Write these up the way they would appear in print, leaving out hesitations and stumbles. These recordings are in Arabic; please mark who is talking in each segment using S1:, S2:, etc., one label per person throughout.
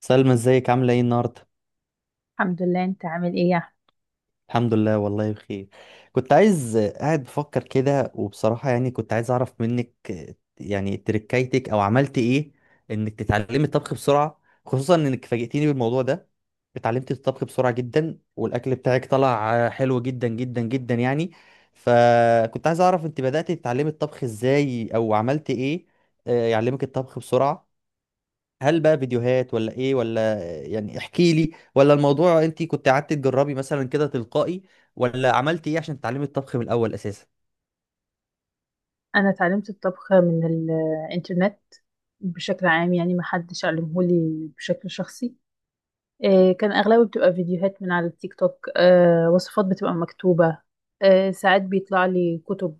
S1: سلمى ازيك عاملة ايه النهاردة؟
S2: الحمد لله، انت عامل ايه يا احمد؟
S1: الحمد لله والله بخير. كنت عايز قاعد بفكر كده وبصراحة يعني كنت عايز اعرف منك يعني تركايتك او عملت ايه انك تتعلمي الطبخ بسرعة، خصوصا انك فاجئتيني بالموضوع ده. اتعلمتي الطبخ بسرعة جدا والاكل بتاعك طلع حلو جدا جدا جدا يعني. فكنت عايز اعرف انت بدأتي تتعلمي الطبخ ازاي او عملت ايه يعلمك الطبخ بسرعة. هل بقى فيديوهات ولا ايه ولا يعني احكي لي، ولا الموضوع انت كنت قعدت تجربي مثلا كده تلقائي، ولا عملت ايه عشان تتعلمي الطبخ من الاول اساسا؟
S2: انا اتعلمت الطبخ من الانترنت بشكل عام، يعني ما حدش علمهولي بشكل شخصي. إيه، كان اغلبه بتبقى فيديوهات من على التيك توك. وصفات بتبقى مكتوبة. ساعات بيطلع لي كتب.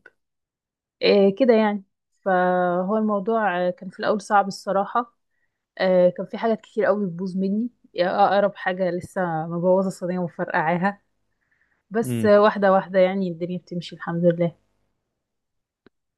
S2: إيه كده يعني. فهو الموضوع كان في الاول صعب الصراحة. كان في حاجات كتير قوي بتبوظ مني. اقرب حاجة لسه مبوظة الصينية ومفرقعاها. بس
S1: امم.
S2: واحدة واحدة، يعني الدنيا بتمشي الحمد لله.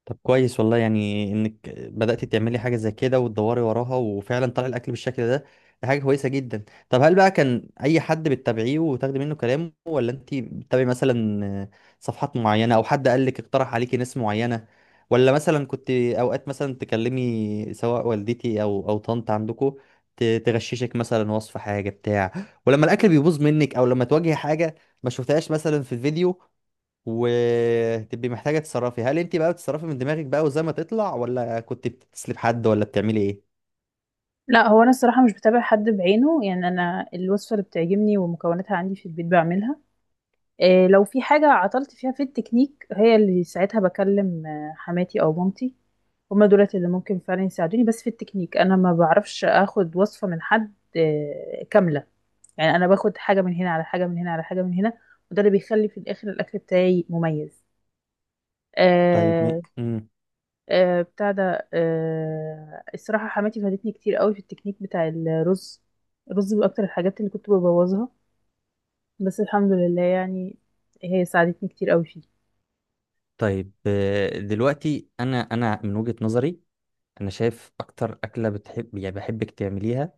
S1: طب كويس والله يعني انك بدأت تعملي حاجة زي كده وتدوري وراها وفعلا طلع الاكل بالشكل ده. دي حاجة كويسة جدا. طب هل بقى كان اي حد بتتابعيه وتاخدي منه كلامه، ولا انت بتتابعي مثلا صفحات معينة، او حد قال لك اقترح عليكي ناس معينة، ولا مثلا كنت اوقات مثلا تكلمي سواء والدتي او طنط عندكم تغششك مثلا وصف حاجة بتاع، ولما الاكل بيبوظ منك او لما تواجهي حاجة ما شفتهاش مثلا في الفيديو وتبقي محتاجة تتصرفي، هل انت بقى بتتصرفي من دماغك بقى وزي ما تطلع، ولا كنت بتسلب حد ولا بتعملي ايه؟
S2: لا، هو انا الصراحه مش بتابع حد بعينه، يعني انا الوصفه اللي بتعجبني ومكوناتها عندي في البيت بعملها. إيه، لو في حاجه عطلت فيها في التكنيك هي اللي ساعتها بكلم حماتي او مامتي. هما دولت اللي ممكن فعلا يساعدوني، بس في التكنيك انا ما بعرفش اخد وصفه من حد كامله. يعني انا باخد حاجه من هنا على حاجه من هنا على حاجه من هنا، وده اللي بيخلي في الاخر الاكل بتاعي مميز.
S1: طيب م...
S2: آه،
S1: مم.
S2: بتاع ده الصراحة حماتي فادتني كتير قوي في التكنيك بتاع الرز. الرز من أكتر الحاجات اللي كنت ببوظها، بس الحمد لله، يعني هي ساعدتني كتير قوي فيه.
S1: طيب دلوقتي انا من وجهة نظري، انا شايف اكتر اكله بتحب يعني بحبك تعمليها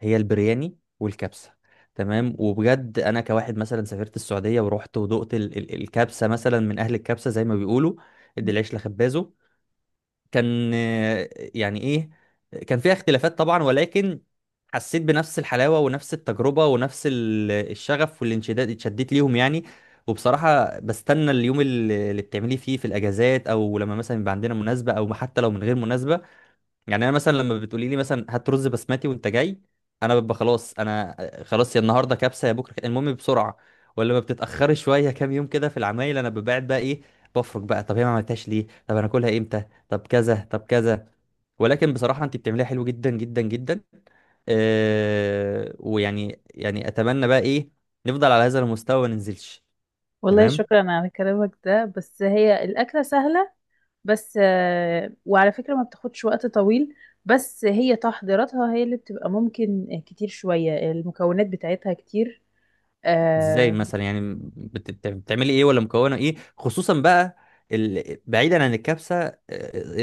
S1: هي البرياني والكبسه. تمام، وبجد انا كواحد مثلا سافرت السعوديه ورحت ودقت الكبسه مثلا من اهل الكبسه زي ما بيقولوا، ادي العيش لخبازه. كان يعني ايه، كان فيها اختلافات طبعا، ولكن حسيت بنفس الحلاوة ونفس التجربة ونفس الشغف والانشداد اتشديت ليهم يعني. وبصراحة بستنى اليوم اللي بتعملي فيه في الأجازات، أو لما مثلا يبقى عندنا مناسبة، أو حتى لو من غير مناسبة. يعني انا مثلا لما بتقولي لي مثلا هات رز بسمتي وانت جاي، انا ببقى خلاص، انا خلاص، يا النهارده كبسه يا بكره المهم بسرعه ولا ما بتتاخري شويه كام يوم كده. في العمايل انا ببعد بقى ايه، بفرج بقى، طب هي ما عملتهاش ليه، طب انا اكلها امتى، طب كذا طب كذا. ولكن بصراحه انت بتعمليها حلو جدا جدا جدا. آه ويعني يعني اتمنى بقى ايه، نفضل على هذا المستوى ما ننزلش.
S2: والله
S1: تمام.
S2: شكرا على كلامك ده، بس هي الأكلة سهلة. بس وعلى فكرة ما بتاخدش وقت طويل، بس هي تحضيراتها هي اللي بتبقى ممكن كتير شوية، المكونات بتاعتها كتير.
S1: ازاي
S2: آه،
S1: مثلا يعني بتعملي ايه، ولا مكونه ايه خصوصا بقى بعيدا عن الكبسه،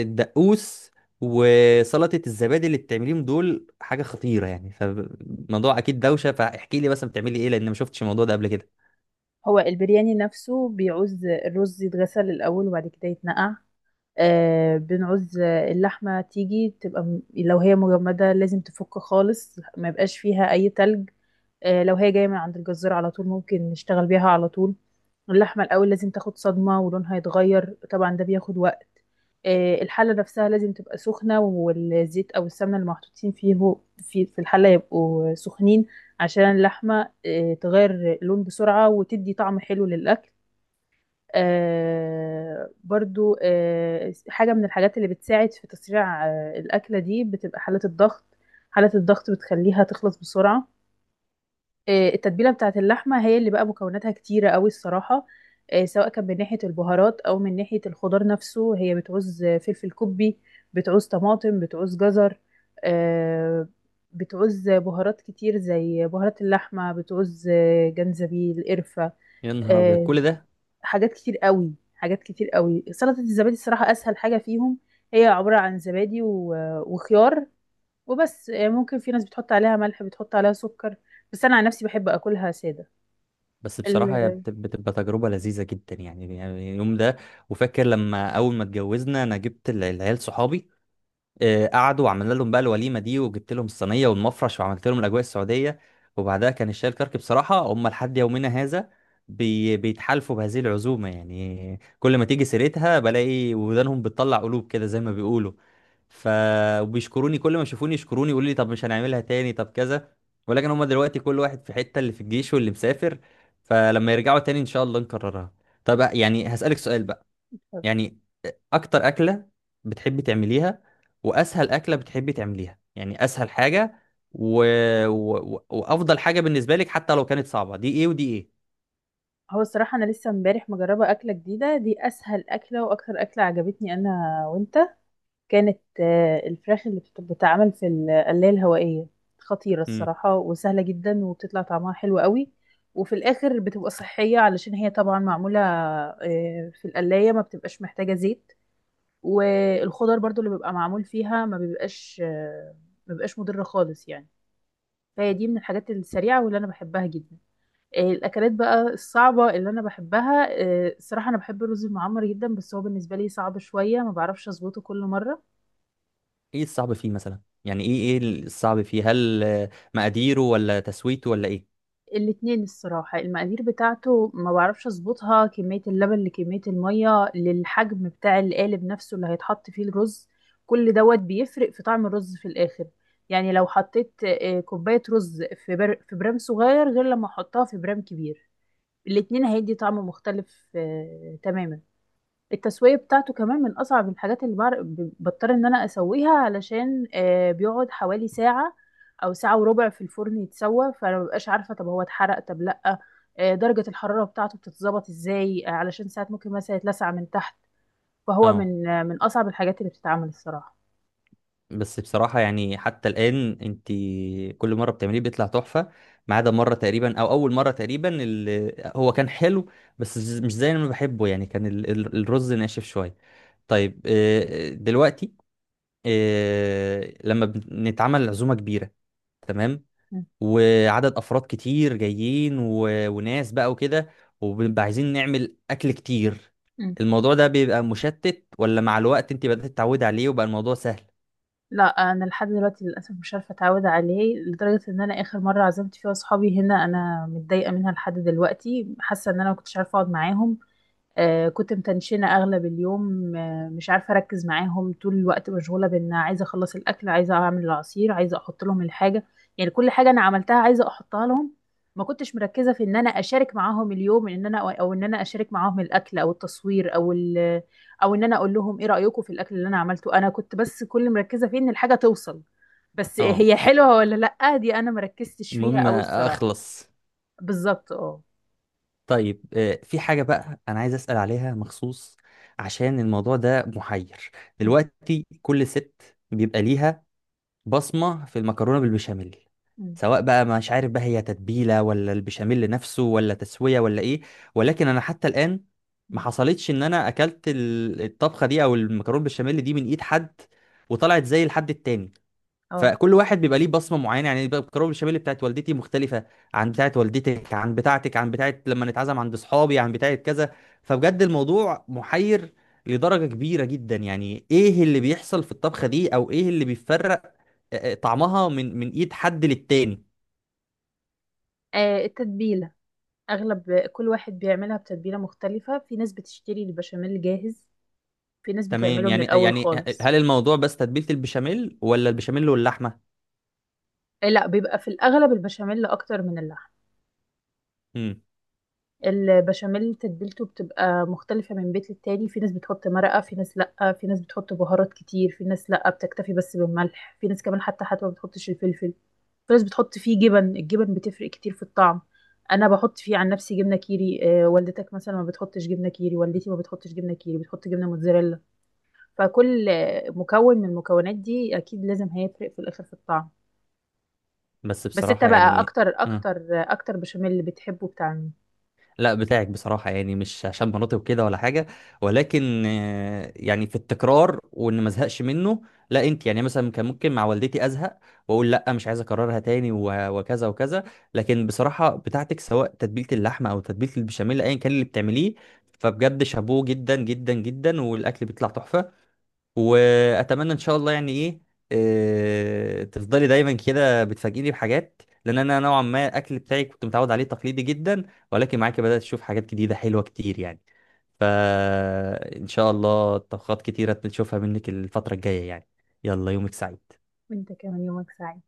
S1: الدقوس وسلطه الزبادي اللي بتعمليهم دول حاجه خطيره يعني، فالموضوع اكيد دوشه. فاحكي لي مثلا بتعملي ايه، لان ما شفتش الموضوع ده قبل كده.
S2: هو البرياني نفسه بيعوز الرز يتغسل الأول وبعد كده يتنقع. بنعوز اللحمة تيجي تبقى لو هي مجمدة لازم تفك خالص ما يبقاش فيها أي تلج. لو هي جاية من عند الجزار على طول ممكن نشتغل بيها على طول. اللحمة الأول لازم تاخد صدمة ولونها يتغير، طبعا ده بياخد وقت. الحلة نفسها لازم تبقى سخنة، والزيت أو السمنة اللي محطوطين فيه في الحلة يبقوا سخنين عشان اللحمة تغير لون بسرعة وتدي طعم حلو للأكل. برضو حاجة من الحاجات اللي بتساعد في تسريع الأكلة دي بتبقى حالة الضغط. حالة الضغط بتخليها تخلص بسرعة. التتبيله بتاعه اللحمه هي اللي بقى مكوناتها كتيره قوي الصراحه. سواء كان من ناحيه البهارات او من ناحيه الخضار نفسه، هي بتعوز فلفل كوبي، بتعوز طماطم، بتعوز جزر. آه، بتعوز بهارات كتير زي بهارات اللحمه، بتعوز جنزبيل قرفه.
S1: يا نهار ابيض
S2: آه،
S1: كل ده.
S2: حاجات كتير قوي، حاجات كتير قوي. سلطه الزبادي الصراحه اسهل حاجه فيهم، هي عباره عن زبادي وخيار وبس. ممكن في ناس بتحط عليها ملح، بتحط عليها سكر، بس انا عن نفسي بحب اكلها ساده.
S1: بس بصراحه هي
S2: ال-
S1: بتبقى تجربه لذيذه جدا يعني، يعني اليوم ده. وفاكر لما اول ما اتجوزنا انا جبت العيال صحابي، قعدوا وعملنا لهم بقى الوليمه دي، وجبت لهم الصينيه والمفرش وعملت لهم الاجواء السعوديه، وبعدها كان الشاي الكرك. بصراحه هم لحد يومنا هذا بيتحالفوا بهذه العزومه يعني، كل ما تيجي سيرتها بلاقي ودانهم بتطلع قلوب كده زي ما بيقولوا. ف وبيشكروني كل ما يشوفوني، يشكروني يقولوا لي طب مش هنعملها تاني، طب كذا. ولكن هم دلوقتي كل واحد في حته، اللي في الجيش واللي مسافر، فلما يرجعوا تاني ان شاء الله نكررها. طب يعني هسألك سؤال بقى، يعني اكتر اكله بتحبي تعمليها واسهل اكله بتحبي تعمليها، يعني اسهل حاجه و... وافضل حاجه بالنسبه لك حتى لو كانت صعبه، دي ايه ودي ايه؟
S2: هو الصراحة أنا لسه امبارح مجربة أكلة جديدة، دي أسهل أكلة وأكتر أكلة عجبتني أنا وأنت. كانت الفراخ اللي بتتعمل في القلاية الهوائية، خطيرة
S1: امم.
S2: الصراحة وسهلة جدا وبتطلع طعمها حلو قوي. وفي الآخر بتبقى صحية علشان هي طبعا معمولة في القلاية، ما بتبقاش محتاجة زيت. والخضر برضو اللي بيبقى معمول فيها ما بيبقاش مضرة خالص يعني. فهي دي من الحاجات السريعة واللي أنا بحبها جدا. الاكلات بقى الصعبه اللي انا بحبها، الصراحه انا بحب الرز المعمر جدا، بس هو بالنسبه لي صعب شويه، ما بعرفش اظبطه كل مره.
S1: ايه الصعب فيه مثلا يعني، ايه الصعب فيه، هل مقاديره ولا تسويته ولا ايه؟
S2: الاتنين الصراحه، المقادير بتاعته ما بعرفش اظبطها، كميه اللبن لكميه الميه للحجم بتاع القالب نفسه اللي هيتحط فيه الرز، كل دوت بيفرق في طعم الرز في الاخر. يعني لو حطيت كوبايه رز في برام صغير، غير لما احطها في برام كبير، الاتنين هيدي طعم مختلف تماما. التسوية بتاعته كمان من أصعب الحاجات اللي بضطر إن أنا أسويها، علشان بيقعد حوالي ساعة أو ساعة وربع في الفرن يتسوى، فأنا مببقاش عارفة طب هو اتحرق طب لأ. درجة الحرارة بتاعته بتتظبط إزاي علشان ساعات ممكن مثلا يتلسع من تحت. فهو
S1: اه.
S2: من من أصعب الحاجات اللي بتتعمل الصراحة.
S1: بس بصراحة يعني حتى الآن انت كل مرة بتعمليه بيطلع تحفة، ما عدا مرة تقريبا أو أول مرة تقريبا اللي هو كان حلو بس مش زي ما بحبه يعني، كان الرز ناشف شوية. طيب دلوقتي لما بنتعمل عزومة كبيرة، تمام،
S2: م-
S1: وعدد أفراد كتير جايين وناس بقى وكده، وبنبقى عايزين نعمل أكل كتير،
S2: م.
S1: الموضوع ده بيبقى مشتت ولا مع الوقت انت بدأت تتعودي عليه وبقى الموضوع سهل؟
S2: لا، أنا لحد دلوقتي للأسف مش عارفة أتعود عليه، لدرجة إن أنا آخر مرة عزمت فيها صحابي هنا أنا متضايقة منها لحد دلوقتي، حاسة إن أنا مكنتش عارفة أقعد معاهم. كنت متنشنة أغلب اليوم، مش عارفة أركز معاهم، طول الوقت مشغولة بإن عايزة أخلص الأكل، عايزة أعمل العصير، عايزة أحط لهم الحاجة، يعني كل حاجة أنا عملتها عايزة أحطها لهم. ما كنتش مركزة في إن أنا أشارك معاهم اليوم، إن أنا أو إن أنا أشارك معاهم الأكل أو التصوير أو إن أنا أقول لهم إيه رأيكم في الأكل اللي أنا عملته. أنا كنت بس كل مركزة فيه إن الحاجة توصل، بس
S1: اه.
S2: هي حلوة ولا لأ دي أنا مركزتش فيها
S1: المهم
S2: أوي الصراحة.
S1: اخلص.
S2: بالظبط، اه.
S1: طيب في حاجة بقى انا عايز اسأل عليها مخصوص، عشان الموضوع ده محير.
S2: م-
S1: دلوقتي كل ست بيبقى ليها بصمة في المكرونة بالبشاميل،
S2: م-
S1: سواء بقى مش عارف بقى هي تتبيلة ولا البشاميل نفسه ولا تسوية ولا ايه. ولكن انا حتى الآن ما
S2: م.
S1: حصلتش ان انا اكلت الطبخة دي او المكرونة بالبشاميل دي من ايد حد وطلعت زي الحد التاني.
S2: اه.
S1: فكل واحد بيبقى ليه بصمه معينه، يعني بقى الكروب الشمالي بتاعت والدتي مختلفه عن بتاعت والدتك عن بتاعتك عن بتاعت لما نتعزم عند اصحابي عن بتاعت كذا. فبجد الموضوع محير لدرجه كبيره جدا، يعني ايه اللي بيحصل في الطبخه دي او ايه اللي بيفرق طعمها من ايد حد للتاني؟
S2: التتبيلة، اغلب كل واحد بيعملها بتتبيله مختلفه، في ناس بتشتري البشاميل جاهز، في ناس
S1: تمام،
S2: بتعمله من
S1: يعني
S2: الاول
S1: يعني
S2: خالص.
S1: هل الموضوع بس تتبيله البشاميل ولا البشاميل واللحمه؟
S2: إيه، لا بيبقى في الاغلب البشاميل اكتر من اللحم.
S1: امم.
S2: البشاميل تتبيلته بتبقى مختلفه من بيت للتاني، في ناس بتحط مرقه، في ناس لا، في ناس بتحط بهارات كتير، في ناس لا بتكتفي بس بالملح، في ناس كمان حتى ما بتحطش الفلفل، في ناس بتحط فيه جبن. الجبن بتفرق كتير في الطعم، انا بحط فيه عن نفسي جبنه كيري، والدتك مثلا ما بتحطش جبنه كيري، والدتي ما بتحطش جبنه كيري بتحط جبنه موتزاريلا. فكل مكون من المكونات دي اكيد لازم هيفرق في الاخر في الطعم.
S1: بس
S2: بس انت
S1: بصراحه
S2: بقى
S1: يعني
S2: اكتر
S1: آه.
S2: اكتر اكتر بشاميل بتحبه بتاع مين؟
S1: لا، بتاعك بصراحة يعني، مش عشان مناطق وكده ولا حاجة، ولكن يعني في التكرار وان ما ازهقش منه. لا انت يعني مثلا كان ممكن مع والدتي ازهق واقول لا مش عايز اكررها تاني وكذا وكذا. لكن بصراحة بتاعتك سواء تتبيلة اللحمة او تتبيلة البشاميل ايا كان اللي بتعمليه، فبجد شابوه جدا جدا جدا والاكل بيطلع تحفة. واتمنى ان شاء الله يعني ايه، تفضلي دايما كده بتفاجئني بحاجات، لان انا نوعا ما الاكل بتاعي كنت متعود عليه تقليدي جدا، ولكن معاكي بدات اشوف حاجات جديده حلوه كتير يعني. فان شاء الله طبخات كتيره نشوفها منك الفتره الجايه يعني. يلا يومك سعيد.
S2: وانت كمان، يومك سعيد.